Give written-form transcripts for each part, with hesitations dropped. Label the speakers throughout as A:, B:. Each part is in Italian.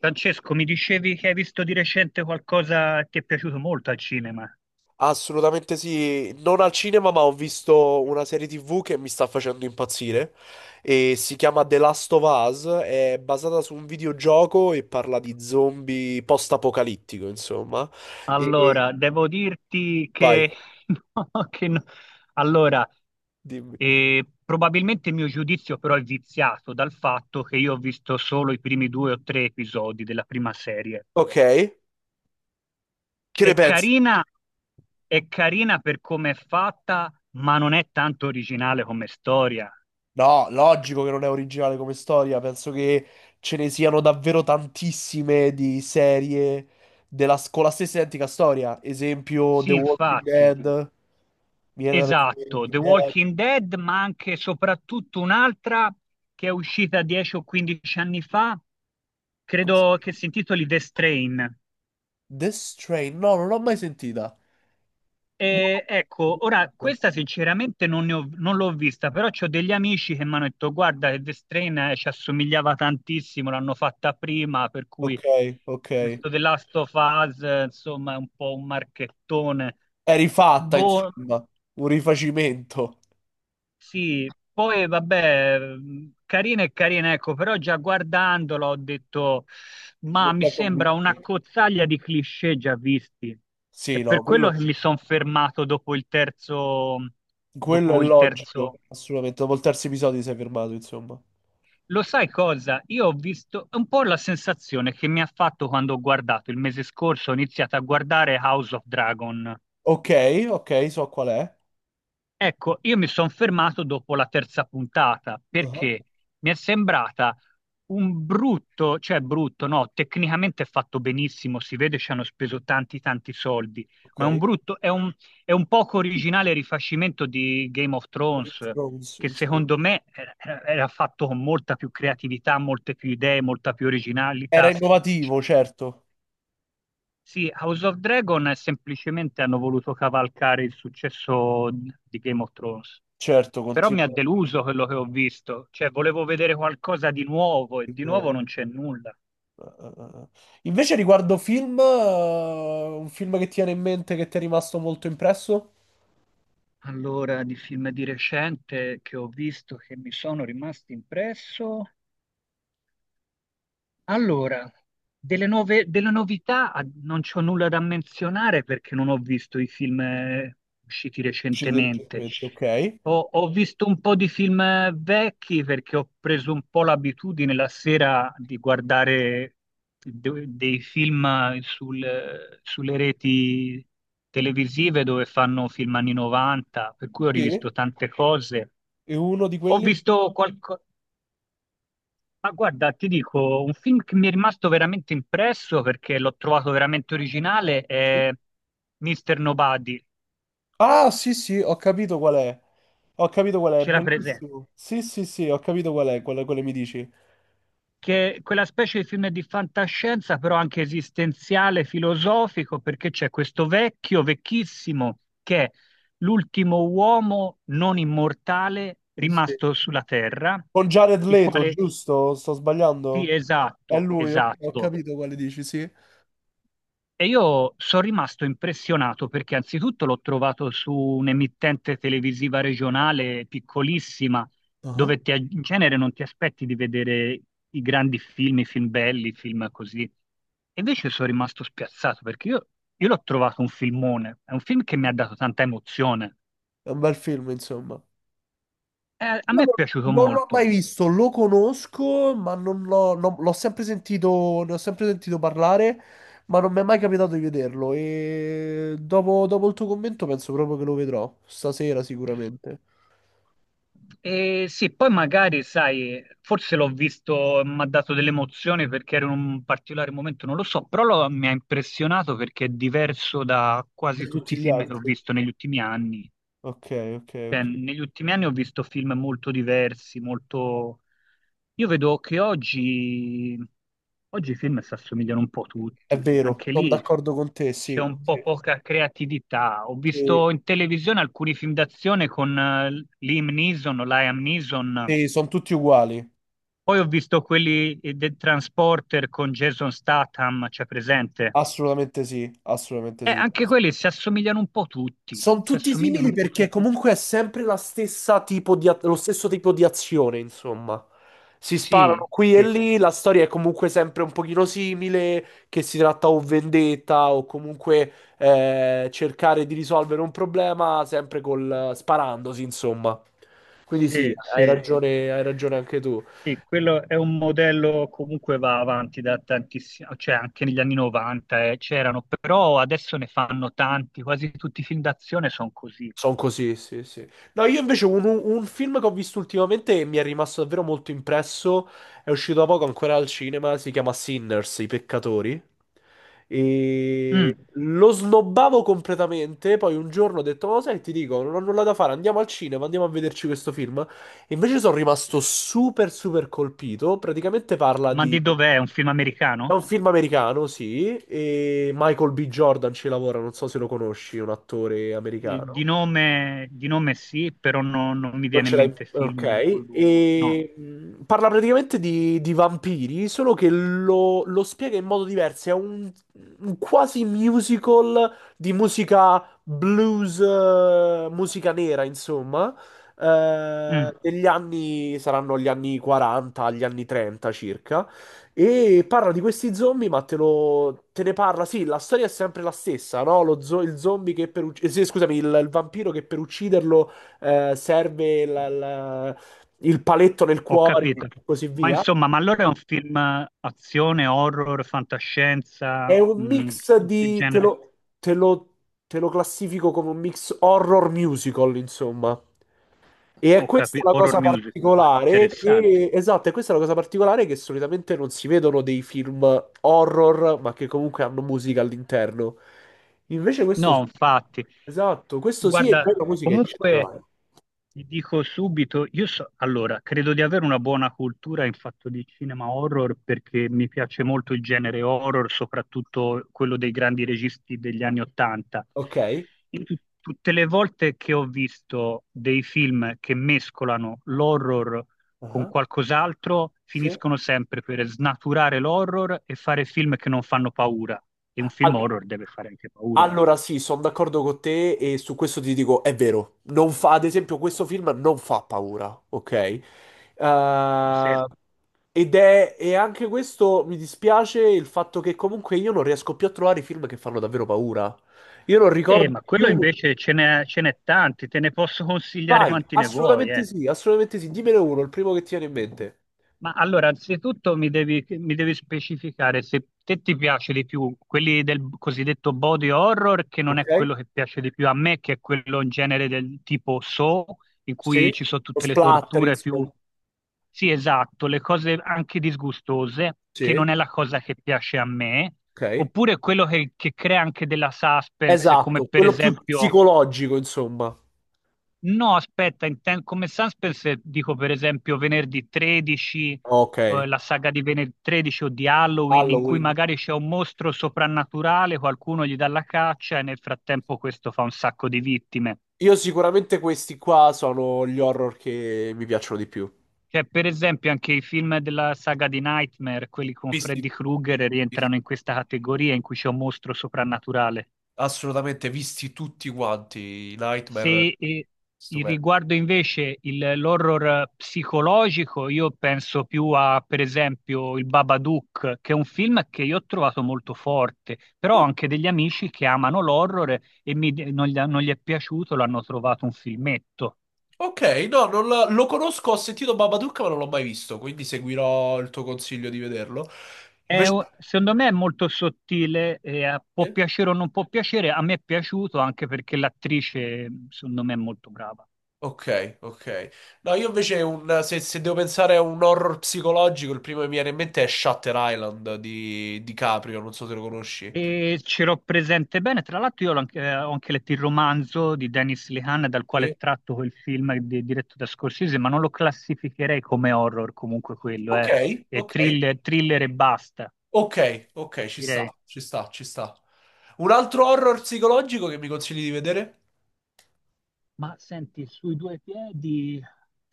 A: Francesco, mi dicevi che hai visto di recente qualcosa che ti è piaciuto molto al cinema.
B: Assolutamente sì, non al cinema, ma ho visto una serie TV che mi sta facendo impazzire e si chiama The Last of Us, è basata su un videogioco e parla di zombie post-apocalittico, insomma. E
A: Allora, devo dirti che...
B: vai,
A: no, che no. Allora,
B: dimmi.
A: Probabilmente il mio giudizio però è viziato dal fatto che io ho visto solo i primi due o tre episodi della prima serie.
B: Ok, che ne
A: È
B: pensi?
A: carina, è carina per come è fatta, ma non è tanto originale come storia.
B: No, logico che non è originale come storia, penso che ce ne siano davvero tantissime di serie con la stessa identica storia. Esempio, The
A: Sì,
B: Walking
A: infatti.
B: Dead, mi viene da pensare The
A: Esatto,
B: Walking
A: The
B: Dead.
A: Walking Dead, ma anche e soprattutto un'altra che è uscita 10 o 15 anni fa,
B: Come si
A: credo che
B: chiama?
A: si intitoli The Strain.
B: The Strain, no, non l'ho mai sentita. No.
A: Ecco, ora questa sinceramente non l'ho vista, però ho degli amici che mi hanno detto guarda che The Strain ci assomigliava tantissimo, l'hanno fatta prima, per
B: Ok,
A: cui
B: ok.
A: questo The Last of Us, insomma, è un po' un marchettone.
B: È rifatta,
A: Boh,
B: insomma, un rifacimento.
A: sì, poi vabbè, carina e carina, ecco, però già guardandolo ho detto, ma
B: Non ti
A: mi
B: ha
A: sembra una
B: convinto.
A: cozzaglia di cliché già visti. È
B: Sì, no,
A: per
B: quello,
A: quello che mi sono fermato dopo il terzo,
B: quello è
A: dopo il
B: logico,
A: terzo.
B: assolutamente. Dopo il terzo episodio si è fermato, insomma.
A: Lo sai cosa? Io ho visto è un po' la sensazione che mi ha fatto quando ho guardato il mese scorso, ho iniziato a guardare House of Dragon.
B: Ok, ok, so qual è.
A: Ecco, io mi sono fermato dopo la terza puntata
B: Ah,
A: perché mi è sembrata un brutto, cioè brutto, no, tecnicamente è fatto benissimo, si vede ci hanno speso tanti tanti soldi,
B: ok.
A: ma è un brutto, è un poco originale rifacimento di Game of
B: Game of
A: Thrones,
B: Thrones,
A: che
B: sì, sì.
A: secondo me era, era fatto con molta più creatività, molte più idee, molta più
B: Era
A: originalità.
B: innovativo, certo,
A: Sì, House of Dragon è semplicemente hanno voluto cavalcare il successo di Game of Thrones.
B: certo,
A: Però
B: continua.
A: mi ha deluso quello che ho visto, cioè volevo vedere qualcosa di nuovo e di nuovo
B: No.
A: non c'è nulla.
B: Eh, Invece riguardo film, un film che ti viene in mente che ti è rimasto molto impresso?
A: Allora, di film di recente che ho visto che mi sono rimasti impresso, allora, delle novità non c'ho nulla da menzionare perché non ho visto i film usciti
B: Usciti
A: recentemente.
B: recentemente. Ok,
A: Ho visto un po' di film vecchi perché ho preso un po' l'abitudine la sera di guardare dei film sulle reti televisive dove fanno film anni 90, per cui ho
B: sì,
A: rivisto tante cose.
B: è uno di
A: Ho
B: quelli?
A: visto ma guarda, ti dico, un film che mi è rimasto veramente impresso perché l'ho trovato veramente originale
B: Sì.
A: è Mister Nobody,
B: Ah, sì, sì, ho capito qual è. Ho capito qual è
A: c'era presente,
B: bellissimo. Sì, sì, sì, ho capito qual è, quale, quale mi dici.
A: che è quella specie di film di fantascienza, però anche esistenziale, filosofico, perché c'è questo vecchio, vecchissimo, che è l'ultimo uomo non immortale
B: Sì.
A: rimasto sulla Terra,
B: Con Jared
A: il
B: Leto,
A: quale,
B: giusto? Sto
A: sì,
B: sbagliando? È
A: esatto,
B: lui, ok, ho
A: esatto.
B: capito quale dici, sì.
A: E io sono rimasto impressionato perché anzitutto l'ho trovato su un'emittente televisiva regionale piccolissima,
B: Ah.
A: dove in genere non ti aspetti di vedere i grandi film, i film belli, i film così. E invece sono rimasto spiazzato perché io l'ho trovato un filmone, è un film che mi ha dato tanta emozione.
B: È un bel film, insomma.
A: A
B: Io
A: me è
B: non
A: piaciuto
B: l'ho mai
A: molto.
B: visto, lo conosco, ma l'ho sempre sentito, ne ho sempre sentito parlare, ma non mi è mai capitato di vederlo. E dopo il tuo commento penso proprio che lo vedrò, stasera sicuramente,
A: E sì, poi magari, sai, forse l'ho visto, mi ha dato dell'emozione perché era in un particolare momento, non lo so, però mi ha impressionato perché è diverso da
B: da
A: quasi tutti i
B: tutti gli
A: film che ho
B: altri.
A: visto negli ultimi anni.
B: Ok, ok,
A: Cioè,
B: ok.
A: negli ultimi anni ho visto film molto diversi, molto... Io vedo che oggi i film si assomigliano un po'
B: È
A: tutti,
B: vero,
A: anche
B: sono
A: lì
B: d'accordo con te,
A: c'è
B: sì.
A: un
B: Sì,
A: po' poca creatività. Ho
B: sì,
A: visto in televisione alcuni film d'azione con Liam Neeson, o Liam Neeson,
B: sì, sono tutti uguali.
A: poi ho visto quelli del Transporter con Jason Statham, c'è presente?
B: Assolutamente sì, assolutamente
A: E
B: sì.
A: anche quelli si assomigliano un po' tutti,
B: Sono
A: si
B: tutti
A: assomigliano
B: simili
A: un po'
B: perché
A: tutti.
B: comunque è sempre la stessa tipo di a- lo stesso tipo di azione, insomma. Si sparano
A: Sì,
B: qui e
A: sì,
B: lì, la storia è comunque sempre un pochino simile, che si tratta o vendetta o comunque cercare di risolvere un problema sempre col sparandosi, insomma. Quindi sì,
A: sì, sì.
B: hai ragione anche tu.
A: Sì, quello è un modello comunque va avanti da tantissimo, cioè anche negli anni 90 c'erano, però adesso ne fanno tanti, quasi tutti i film d'azione sono così.
B: Sono così, sì, sì. No, io invece un film che ho visto ultimamente e mi è rimasto davvero molto impresso, è uscito da poco ancora al cinema, si chiama Sinners, I peccatori.
A: Mm,
B: E lo snobbavo completamente, poi un giorno ho detto, ma sai, ti dico, non ho nulla da fare, andiamo al cinema, andiamo a vederci questo film. E invece sono rimasto super, super colpito. Praticamente parla
A: ma
B: di...
A: di dov'è? È un film
B: È
A: americano?
B: un film americano, sì, e Michael B. Jordan ci lavora, non so se lo conosci, un attore americano.
A: Di nome, di nome sì, però non mi
B: Non
A: viene in
B: ce l'hai.
A: mente film con
B: Ok.
A: lui. No,
B: E parla praticamente di vampiri, solo che lo spiega in modo diverso. È un quasi musical di musica blues, musica nera, insomma.
A: mm,
B: Degli anni saranno gli anni 40, gli anni 30 circa. E parla di questi zombie, ma te ne parla. Sì, la storia è sempre la stessa, no? Il zombie che sì, scusami, il vampiro che per ucciderlo serve il paletto nel
A: ho
B: cuore e
A: capito.
B: così
A: Ma
B: via.
A: insomma, ma allora è un film azione, horror,
B: È
A: fantascienza,
B: un
A: mm,
B: mix
A: che
B: di...
A: genere?
B: te lo- te lo classifico come un mix horror musical, insomma. E è
A: Ho
B: questa
A: capito,
B: la
A: horror
B: cosa
A: music, ma
B: particolare
A: interessante.
B: che, esatto, è questa la cosa particolare che solitamente non si vedono dei film horror, ma che comunque hanno musica all'interno. Invece questo
A: No,
B: sì,
A: infatti.
B: esatto, questo sì, e poi
A: Guarda,
B: la musica è
A: comunque
B: eccezionale.
A: ti dico subito, io so, allora, credo di avere una buona cultura in fatto di cinema horror perché mi piace molto il genere horror, soprattutto quello dei grandi registi degli anni Ottanta.
B: Ok?
A: In tu- Tutte le volte che ho visto dei film che mescolano l'horror con
B: Ah,
A: qualcos'altro,
B: sì.
A: finiscono sempre per snaturare l'horror e fare film che non fanno paura. E un film
B: Al-
A: horror deve fare anche paura.
B: Allora sì, sono d'accordo con te e su questo ti dico, è vero, non fa, ad esempio questo film non fa paura, ok?
A: Sì.
B: Eh, Ed è, e anche questo mi dispiace il fatto che comunque io non riesco più a trovare i film che fanno davvero paura. Io non ricordo
A: Ma
B: più...
A: quello invece ce n'è tanti, te ne posso consigliare
B: Vai,
A: quanti ne vuoi, eh.
B: assolutamente sì, dimmene uno, il primo che ti viene in mente,
A: Ma allora, anzitutto mi devi specificare se te ti piace di più quelli del cosiddetto body horror, che non è
B: ok?
A: quello che piace di più a me, che è quello in genere del tipo Saw, in
B: Sì,
A: cui ci sono
B: lo
A: tutte le
B: splatter,
A: torture più...
B: insomma,
A: Sì, esatto, le cose anche disgustose, che
B: sì,
A: non è la cosa che piace a me,
B: ok?
A: oppure quello che crea anche della suspense, come
B: Esatto,
A: per
B: quello più
A: esempio...
B: psicologico, insomma.
A: No, aspetta, come suspense dico per esempio venerdì 13,
B: Ok.
A: la saga di venerdì 13 o di Halloween, in cui
B: Halloween.
A: magari c'è un mostro soprannaturale, qualcuno gli dà la caccia e nel frattempo questo fa un sacco di vittime.
B: Io sicuramente questi qua sono gli horror che mi piacciono di più.
A: Cioè, per esempio, anche i film della saga di Nightmare, quelli con
B: Visti,
A: Freddy Krueger,
B: visti-
A: rientrano in questa categoria in cui c'è un mostro soprannaturale.
B: assolutamente visti tutti quanti.
A: Se
B: Nightmare,
A: eh, il
B: stupendo.
A: riguardo invece l'horror psicologico, io penso più a, per esempio, il Babadook, che è un film che io ho trovato molto forte, però ho
B: Oh,
A: anche degli amici che amano l'horror e non gli è piaciuto, l'hanno trovato un filmetto.
B: ok, no, non la- lo conosco, ho sentito Babadook, ma non l'ho mai visto, quindi seguirò il tuo consiglio di vederlo. Invece...
A: Secondo me è molto sottile, può
B: eh?
A: piacere o non può piacere, a me è piaciuto anche perché l'attrice, secondo me, è molto brava.
B: Ok, ok. No, io invece se, se devo pensare a un horror psicologico, il primo che mi viene in mente è Shutter Island di Caprio, non so se lo conosci.
A: E ce l'ho presente bene, tra l'altro io ho anche letto il romanzo di Dennis Lehane dal quale è
B: Sì.
A: tratto quel film diretto da Scorsese, ma non lo classificherei come horror comunque quello,
B: Ok,
A: eh. È
B: ok.
A: thriller, thriller e basta,
B: Ok, ok, ci
A: direi.
B: sta, ci sta, ci sta. Un altro horror psicologico che mi consigli di vedere?
A: Ma senti, sui due piedi,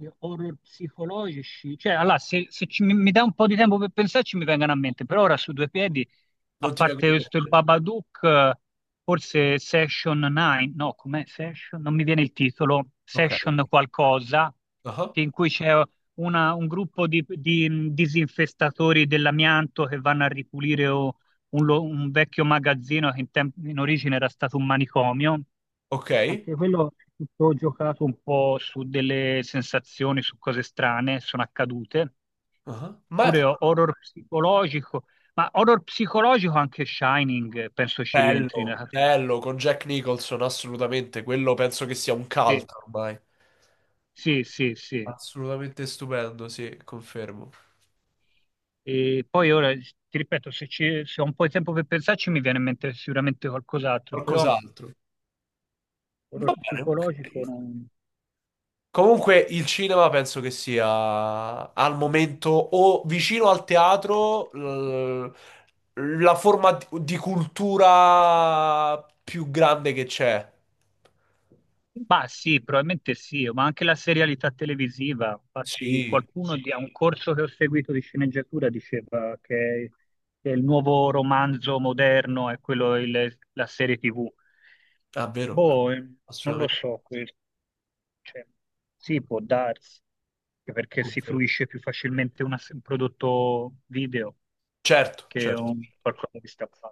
A: horror psicologici, cioè, allora, se, se ci- mi dai un po' di tempo per pensarci, mi vengono a mente, però ora su due piedi, a
B: Non ti
A: parte questo il Babadook, forse Session 9, no, com'è Session? Non mi viene il titolo,
B: ok.
A: Session qualcosa,
B: Ah,
A: che in cui c'è un gruppo di disinfestatori dell'amianto che vanno a ripulire un vecchio magazzino che in origine era stato un manicomio,
B: ok.
A: anche quello è tutto giocato un po' su delle sensazioni, su cose strane, sono accadute.
B: Ah. Ma è
A: Horror psicologico, ma horror psicologico anche Shining, penso ci rientri.
B: bello, bello, con Jack Nicholson, assolutamente. Quello penso che sia un
A: Sì,
B: cult ormai.
A: sì, sì, sì.
B: Assolutamente stupendo, sì, confermo.
A: E poi ora, ti ripeto, se ho un po' di tempo per pensarci mi viene in mente sicuramente qualcos'altro, però
B: Qualcos'altro.
A: horror
B: Va bene, ok.
A: psicologico non...
B: Comunque il cinema penso che sia al momento o vicino al teatro la forma di cultura più grande che c'è.
A: Ma sì, probabilmente sì, ma anche la serialità televisiva. Infatti,
B: Sì,
A: qualcuno di, a un corso che ho seguito di sceneggiatura diceva che il nuovo romanzo moderno è quello, la serie TV.
B: è vero,
A: Boh, eh, non lo
B: assolutamente.
A: so, cioè, sì, può darsi, anche perché si
B: Confermo.
A: fruisce più facilmente un prodotto video
B: Certo,
A: che
B: certo.
A: un, qualcosa di stampato.